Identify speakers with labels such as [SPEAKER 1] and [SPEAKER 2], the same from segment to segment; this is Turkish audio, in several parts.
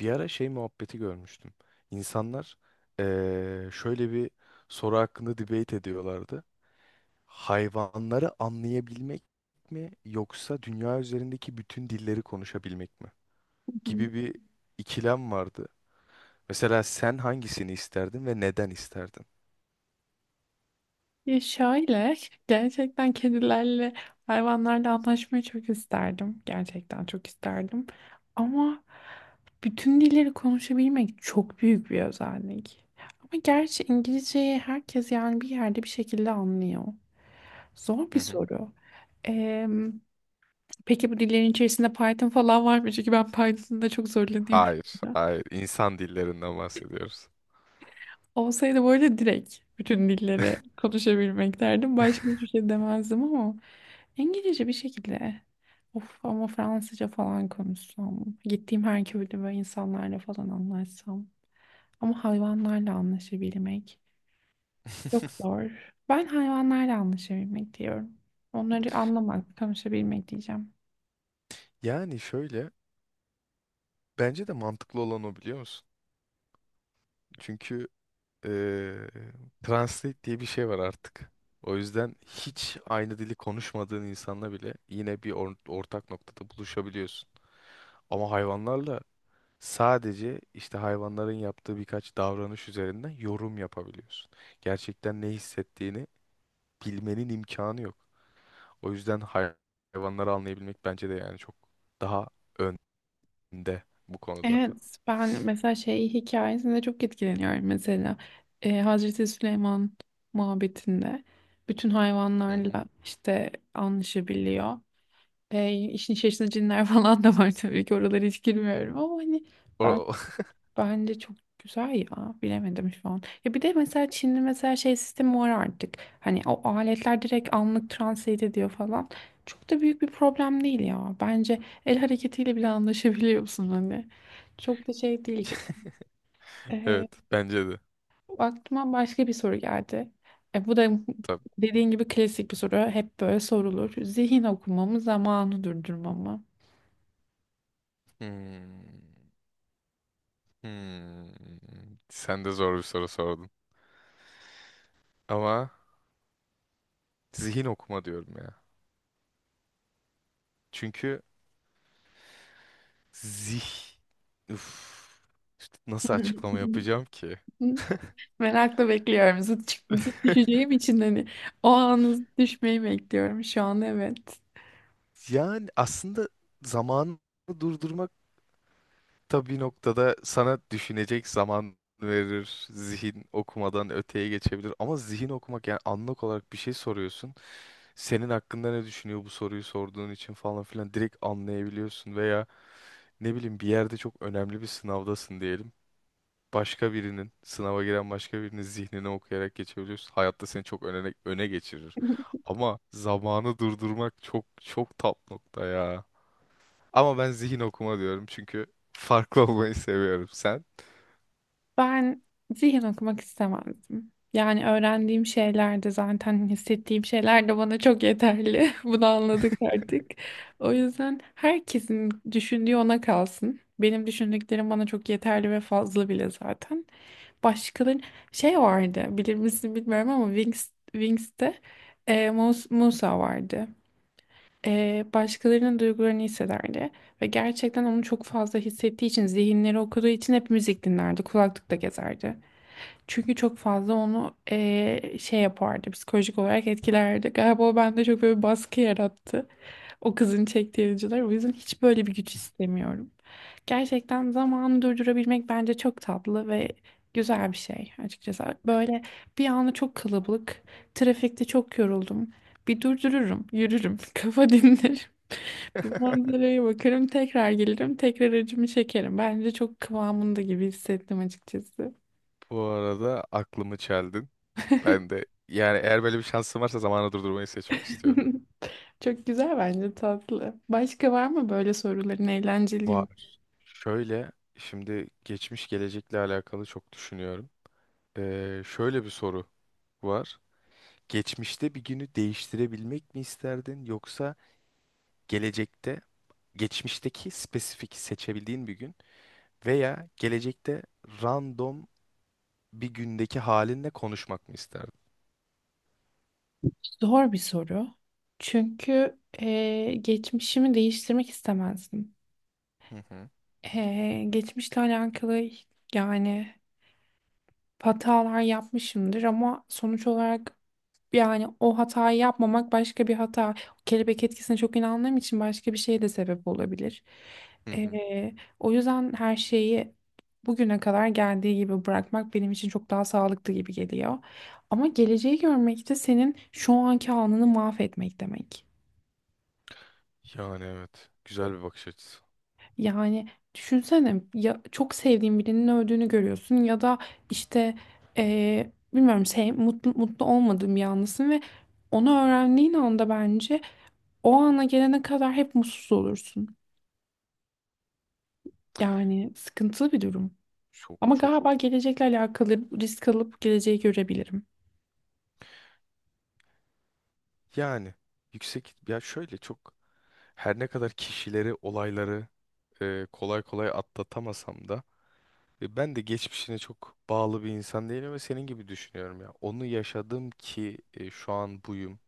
[SPEAKER 1] Bir ara şey muhabbeti görmüştüm. İnsanlar şöyle bir soru hakkında debate ediyorlardı. Hayvanları anlayabilmek mi yoksa dünya üzerindeki bütün dilleri konuşabilmek mi?
[SPEAKER 2] Hı.
[SPEAKER 1] Gibi bir ikilem vardı. Mesela sen hangisini isterdin ve neden isterdin?
[SPEAKER 2] Ya şöyle gerçekten kedilerle hayvanlarla anlaşmayı çok isterdim. Gerçekten çok isterdim. Ama bütün dilleri konuşabilmek çok büyük bir özellik. Ama gerçi İngilizceyi herkes yani bir yerde bir şekilde anlıyor. Zor
[SPEAKER 1] Hı
[SPEAKER 2] bir
[SPEAKER 1] hı.
[SPEAKER 2] soru. Ee, peki bu dillerin içerisinde Python falan var mı? Çünkü ben Python'da çok zorlanıyorum.
[SPEAKER 1] Hayır, hayır. İnsan dillerinden bahsediyoruz.
[SPEAKER 2] Olsaydı böyle direkt bütün dilleri konuşabilmek derdim. Başka hiçbir şey demezdim ama. İngilizce bir şekilde. Of ama Fransızca falan konuşsam. Gittiğim her köyde böyle insanlarla falan anlaşsam. Ama hayvanlarla anlaşabilmek çok zor. Ben hayvanlarla anlaşabilmek diyorum. Onları anlamak, konuşabilmek diyeceğim.
[SPEAKER 1] Yani şöyle, bence de mantıklı olan o, biliyor musun? Çünkü eee Translate diye bir şey var artık. O yüzden hiç aynı dili konuşmadığın insanla bile yine bir ortak noktada buluşabiliyorsun. Ama hayvanlarla sadece işte hayvanların yaptığı birkaç davranış üzerinden yorum yapabiliyorsun. Gerçekten ne hissettiğini bilmenin imkanı yok. O yüzden hayvanları anlayabilmek bence de yani çok daha önde bu konuda.
[SPEAKER 2] Evet, ben mesela şey hikayesinde çok etkileniyorum mesela. Hazreti Süleyman muhabbetinde bütün
[SPEAKER 1] Hı hı.
[SPEAKER 2] hayvanlarla işte anlaşabiliyor. İşin içerisinde cinler falan da var tabii ki oralara hiç girmiyorum ama hani ben
[SPEAKER 1] O-
[SPEAKER 2] bence çok güzel ya bilemedim şu an. Ya bir de mesela Çin'de mesela şey sistemi var artık hani o aletler direkt anlık translate ediyor falan, çok da büyük bir problem değil ya bence, el hareketiyle bile anlaşabiliyorsun hani, çok da şey değil gibi. E,
[SPEAKER 1] Evet, bence de.
[SPEAKER 2] Aklıma başka bir soru geldi. Bu da
[SPEAKER 1] Tabii.
[SPEAKER 2] dediğin gibi klasik bir soru, hep böyle sorulur: zihin okumamı zamanı durdurmamı.
[SPEAKER 1] Hmm. Hmm, sen de zor bir soru sordun. Ama zihin okuma diyorum ya. Çünkü zih... Üf, işte nasıl açıklama yapacağım ki?
[SPEAKER 2] Hı, merakla bekliyorum. Zıt düşeceğim için hani, o anı, zıt düşmeyi bekliyorum şu an, evet.
[SPEAKER 1] Yani aslında zamanı durdurmak tabii noktada sana düşünecek zaman verir. Zihin okumadan öteye geçebilir. Ama zihin okumak, yani anlık olarak bir şey soruyorsun. Senin hakkında ne düşünüyor bu soruyu sorduğun için falan filan direkt anlayabiliyorsun. Veya ne bileyim bir yerde çok önemli bir sınavdasın diyelim. Başka birinin, sınava giren başka birinin zihnini okuyarak geçebiliyorsun. Hayatta seni çok öne geçirir. Ama zamanı durdurmak çok çok top nokta ya. Ama ben zihin okuma diyorum, çünkü farklı olmayı seviyorum. Sen?
[SPEAKER 2] Ben zihin okumak istemezdim. Yani öğrendiğim şeyler de zaten, hissettiğim şeyler de bana çok yeterli. Bunu anladık artık. O yüzden herkesin düşündüğü ona kalsın. Benim düşündüklerim bana çok yeterli ve fazla bile zaten. Başkaları şey vardı, bilir misin bilmiyorum ama Wings'te Musa vardı. Başkalarının duygularını hissederdi ve gerçekten onu çok fazla hissettiği için, zihinleri okuduğu için hep müzik dinlerdi, kulaklıkla gezerdi. Çünkü çok fazla onu şey yapardı, psikolojik olarak etkilerdi. Galiba o bende çok böyle bir baskı yarattı. O kızın çektiği acılar. O yüzden hiç böyle bir güç istemiyorum. Gerçekten zamanı durdurabilmek bence çok tatlı ve güzel bir şey açıkçası. Böyle, bir anda çok kalabalık, trafikte çok yoruldum. Bir durdururum, yürürüm, kafa dinlerim. Bir manzaraya bakarım, tekrar gelirim, tekrar acımı çekerim. Bence çok kıvamında gibi hissettim açıkçası.
[SPEAKER 1] Bu arada aklımı çeldin. Ben de yani eğer böyle bir şansım varsa zamanı durdurmayı seçmek istiyorum.
[SPEAKER 2] Çok güzel, bence tatlı. Başka var mı böyle soruların eğlenceli?
[SPEAKER 1] Var. Şöyle, şimdi geçmiş gelecekle alakalı çok düşünüyorum. Şöyle bir soru var. Geçmişte bir günü değiştirebilmek mi isterdin, yoksa gelecekte geçmişteki spesifik seçebildiğin bir gün veya gelecekte random bir gündeki halinle konuşmak mı isterdin?
[SPEAKER 2] Zor bir soru. Çünkü geçmişimi değiştirmek istemezdim.
[SPEAKER 1] Hı hı.
[SPEAKER 2] Geçmişle alakalı yani hatalar yapmışımdır ama sonuç olarak, yani o hatayı yapmamak başka bir hata. Kelebek etkisine çok inandığım için başka bir şeye de sebep olabilir.
[SPEAKER 1] Hı hı.
[SPEAKER 2] Ee, O yüzden her şeyi bugüne kadar geldiği gibi bırakmak benim için çok daha sağlıklı gibi geliyor. Ama geleceği görmek de senin şu anki anını mahvetmek demek.
[SPEAKER 1] Yani evet. Güzel bir bakış açısı.
[SPEAKER 2] Yani düşünsene ya, çok sevdiğin birinin öldüğünü görüyorsun ya da işte bilmiyorum mutlu olmadığın bir anlısın ve onu öğrendiğin anda, bence o ana gelene kadar hep mutsuz olursun. Yani sıkıntılı bir durum.
[SPEAKER 1] Çok
[SPEAKER 2] Ama
[SPEAKER 1] çok.
[SPEAKER 2] galiba gelecekle alakalı risk alıp geleceği görebilirim.
[SPEAKER 1] Yani yüksek ya, şöyle çok, her ne kadar kişileri, olayları e, kolay kolay atlatamasam da. E, ben de geçmişine çok bağlı bir insan değilim ve senin gibi düşünüyorum ya. Onu yaşadım ki e, şu an buyum.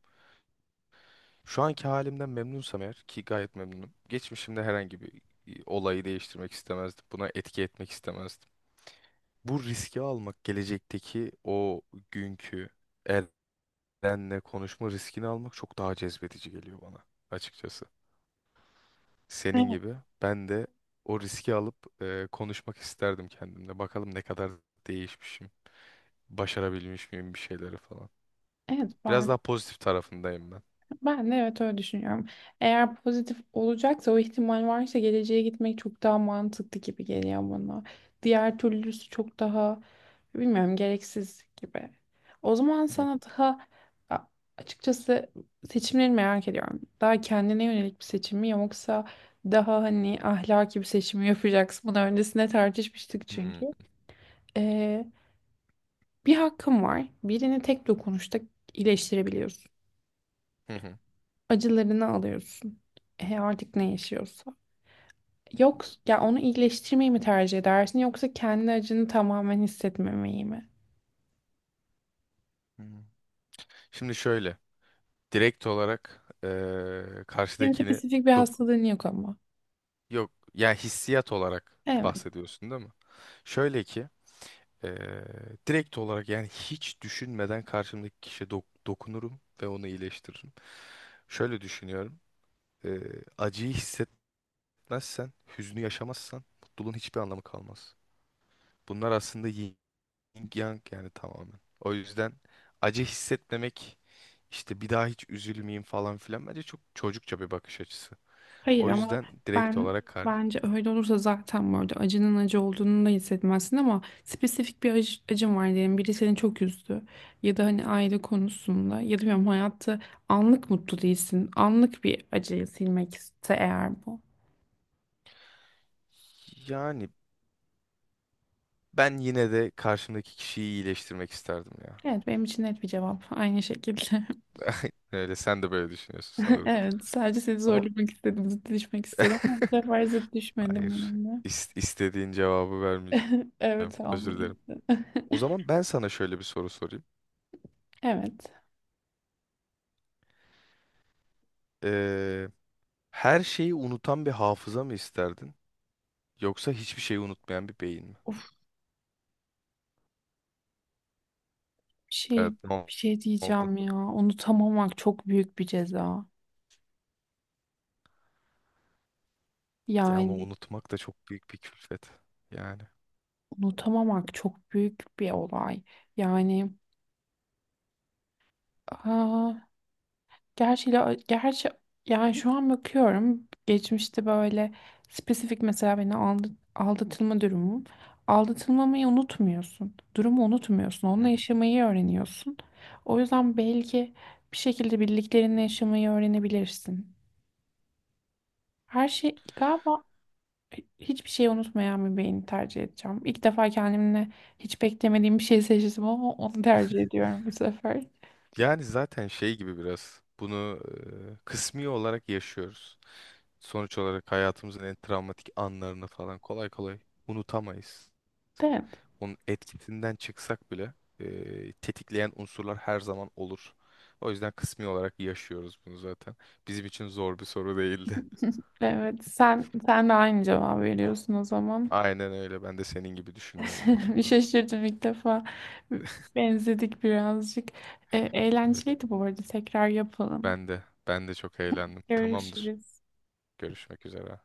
[SPEAKER 1] Şu anki halimden memnunsam, eğer ki gayet memnunum. Geçmişimde herhangi bir e, olayı değiştirmek istemezdim. Buna etki etmek istemezdim. Bu riski almak, gelecekteki o günkü Eren'le konuşma riskini almak çok daha cezbedici geliyor bana açıkçası. Senin
[SPEAKER 2] Evet.
[SPEAKER 1] gibi ben de o riski alıp e, konuşmak isterdim kendimle. Bakalım ne kadar değişmişim. Başarabilmiş miyim bir şeyleri falan.
[SPEAKER 2] Evet,
[SPEAKER 1] Biraz
[SPEAKER 2] ben
[SPEAKER 1] daha pozitif tarafındayım ben.
[SPEAKER 2] Ben de evet öyle düşünüyorum. Eğer pozitif olacaksa, o ihtimal varsa, geleceğe gitmek çok daha mantıklı gibi geliyor bana. Diğer türlüsü çok daha, bilmiyorum, gereksiz gibi. O zaman
[SPEAKER 1] Hı
[SPEAKER 2] sana daha a- açıkçası seçimleri merak ediyorum. Daha kendine yönelik bir seçim mi yoksa daha hani ahlaki bir seçim mi yapacaksın? Bunu öncesinde tartışmıştık
[SPEAKER 1] hı.
[SPEAKER 2] çünkü. Ee, Bir hakkın var. Birini tek dokunuşta iyileştirebiliyorsun.
[SPEAKER 1] Hı. Hı hı.
[SPEAKER 2] Acılarını alıyorsun. Artık ne yaşıyorsa.
[SPEAKER 1] Hı
[SPEAKER 2] Yok ya, onu iyileştirmeyi mi tercih edersin yoksa kendi acını tamamen hissetmemeyi mi?
[SPEAKER 1] hı. Şimdi şöyle. Direkt olarak
[SPEAKER 2] Senin
[SPEAKER 1] karşıdakini
[SPEAKER 2] spesifik bir
[SPEAKER 1] dok
[SPEAKER 2] hastalığın yok ama.
[SPEAKER 1] yok, yani hissiyat olarak
[SPEAKER 2] Evet.
[SPEAKER 1] bahsediyorsun değil mi? Şöyle ki eee, direkt olarak yani hiç düşünmeden karşımdaki kişiye dokunurum ve onu iyileştiririm. Şöyle düşünüyorum. Acıyı hissetmezsen, hüznü yaşamazsan mutluluğun hiçbir anlamı kalmaz. Bunlar aslında Yin yang yani tamamen. O yüzden acı hissetmemek, işte bir daha hiç üzülmeyeyim falan filan, bence çok çocukça bir bakış açısı.
[SPEAKER 2] Hayır
[SPEAKER 1] O
[SPEAKER 2] ama
[SPEAKER 1] yüzden direkt
[SPEAKER 2] ben
[SPEAKER 1] olarak kar.
[SPEAKER 2] bence öyle olursa zaten böyle acının acı olduğunu da hissetmezsin, ama spesifik bir acın var diyelim. Biri seni çok üzdü ya da hani aile konusunda ya da bilmiyorum, hayatta anlık mutlu değilsin. Anlık bir acıyı silmek ise eğer bu.
[SPEAKER 1] Yani ben yine de karşımdaki kişiyi iyileştirmek isterdim ya.
[SPEAKER 2] Evet, benim için net bir cevap aynı şekilde.
[SPEAKER 1] Öyle, sen de böyle düşünüyorsun sanırım.
[SPEAKER 2] Evet, sadece seni
[SPEAKER 1] Ama
[SPEAKER 2] zorlamak istedim, zıt düşmek istedim ama bu sefer zıt düşmedim
[SPEAKER 1] hayır.
[SPEAKER 2] benimle.
[SPEAKER 1] İstediğin cevabı vermeyeceğim.
[SPEAKER 2] Evet,
[SPEAKER 1] Özür
[SPEAKER 2] almadım.
[SPEAKER 1] dilerim. O zaman ben sana şöyle bir soru sorayım.
[SPEAKER 2] Evet.
[SPEAKER 1] Ee, her şeyi unutan bir hafıza mı isterdin? Yoksa hiçbir şeyi unutmayan bir beyin mi?
[SPEAKER 2] Bir şey
[SPEAKER 1] Evet, ne
[SPEAKER 2] bir şey
[SPEAKER 1] oldu?
[SPEAKER 2] diyeceğim ya. Unutamamak çok büyük bir ceza.
[SPEAKER 1] Ya ama
[SPEAKER 2] Yani
[SPEAKER 1] unutmak da çok büyük bir külfet. Yani.
[SPEAKER 2] unutamamak çok büyük bir olay. Yani, aa, gerçi yani şu an bakıyorum, geçmişte böyle spesifik, mesela beni aldatılma durumum. Aldatılmamayı unutmuyorsun. Durumu unutmuyorsun.
[SPEAKER 1] Hı
[SPEAKER 2] Onunla
[SPEAKER 1] hı.
[SPEAKER 2] yaşamayı öğreniyorsun. O yüzden belki bir şekilde birliklerinle yaşamayı öğrenebilirsin. Her şey galiba, hiçbir şeyi unutmayan bir beyni tercih edeceğim. İlk defa kendimle hiç beklemediğim bir şey seçtim ama onu tercih ediyorum bu sefer.
[SPEAKER 1] Yani zaten şey gibi biraz bunu e, kısmi olarak yaşıyoruz. Sonuç olarak hayatımızın en travmatik anlarını falan kolay kolay unutamayız.
[SPEAKER 2] Evet.
[SPEAKER 1] Onun etkisinden çıksak bile e, tetikleyen unsurlar her zaman olur. O yüzden kısmi olarak yaşıyoruz bunu zaten. Bizim için zor bir soru değildi.
[SPEAKER 2] Evet, sen de aynı cevabı veriyorsun o zaman.
[SPEAKER 1] Aynen öyle. Ben de senin gibi düşünüyorum bu
[SPEAKER 2] Bir
[SPEAKER 1] konuda.
[SPEAKER 2] şaşırdım ilk defa. Benzedik birazcık.
[SPEAKER 1] Evet.
[SPEAKER 2] Eğlenceliydi bu arada. Tekrar yapalım.
[SPEAKER 1] Ben de. Ben de çok eğlendim. Tamamdır.
[SPEAKER 2] Görüşürüz.
[SPEAKER 1] Görüşmek üzere.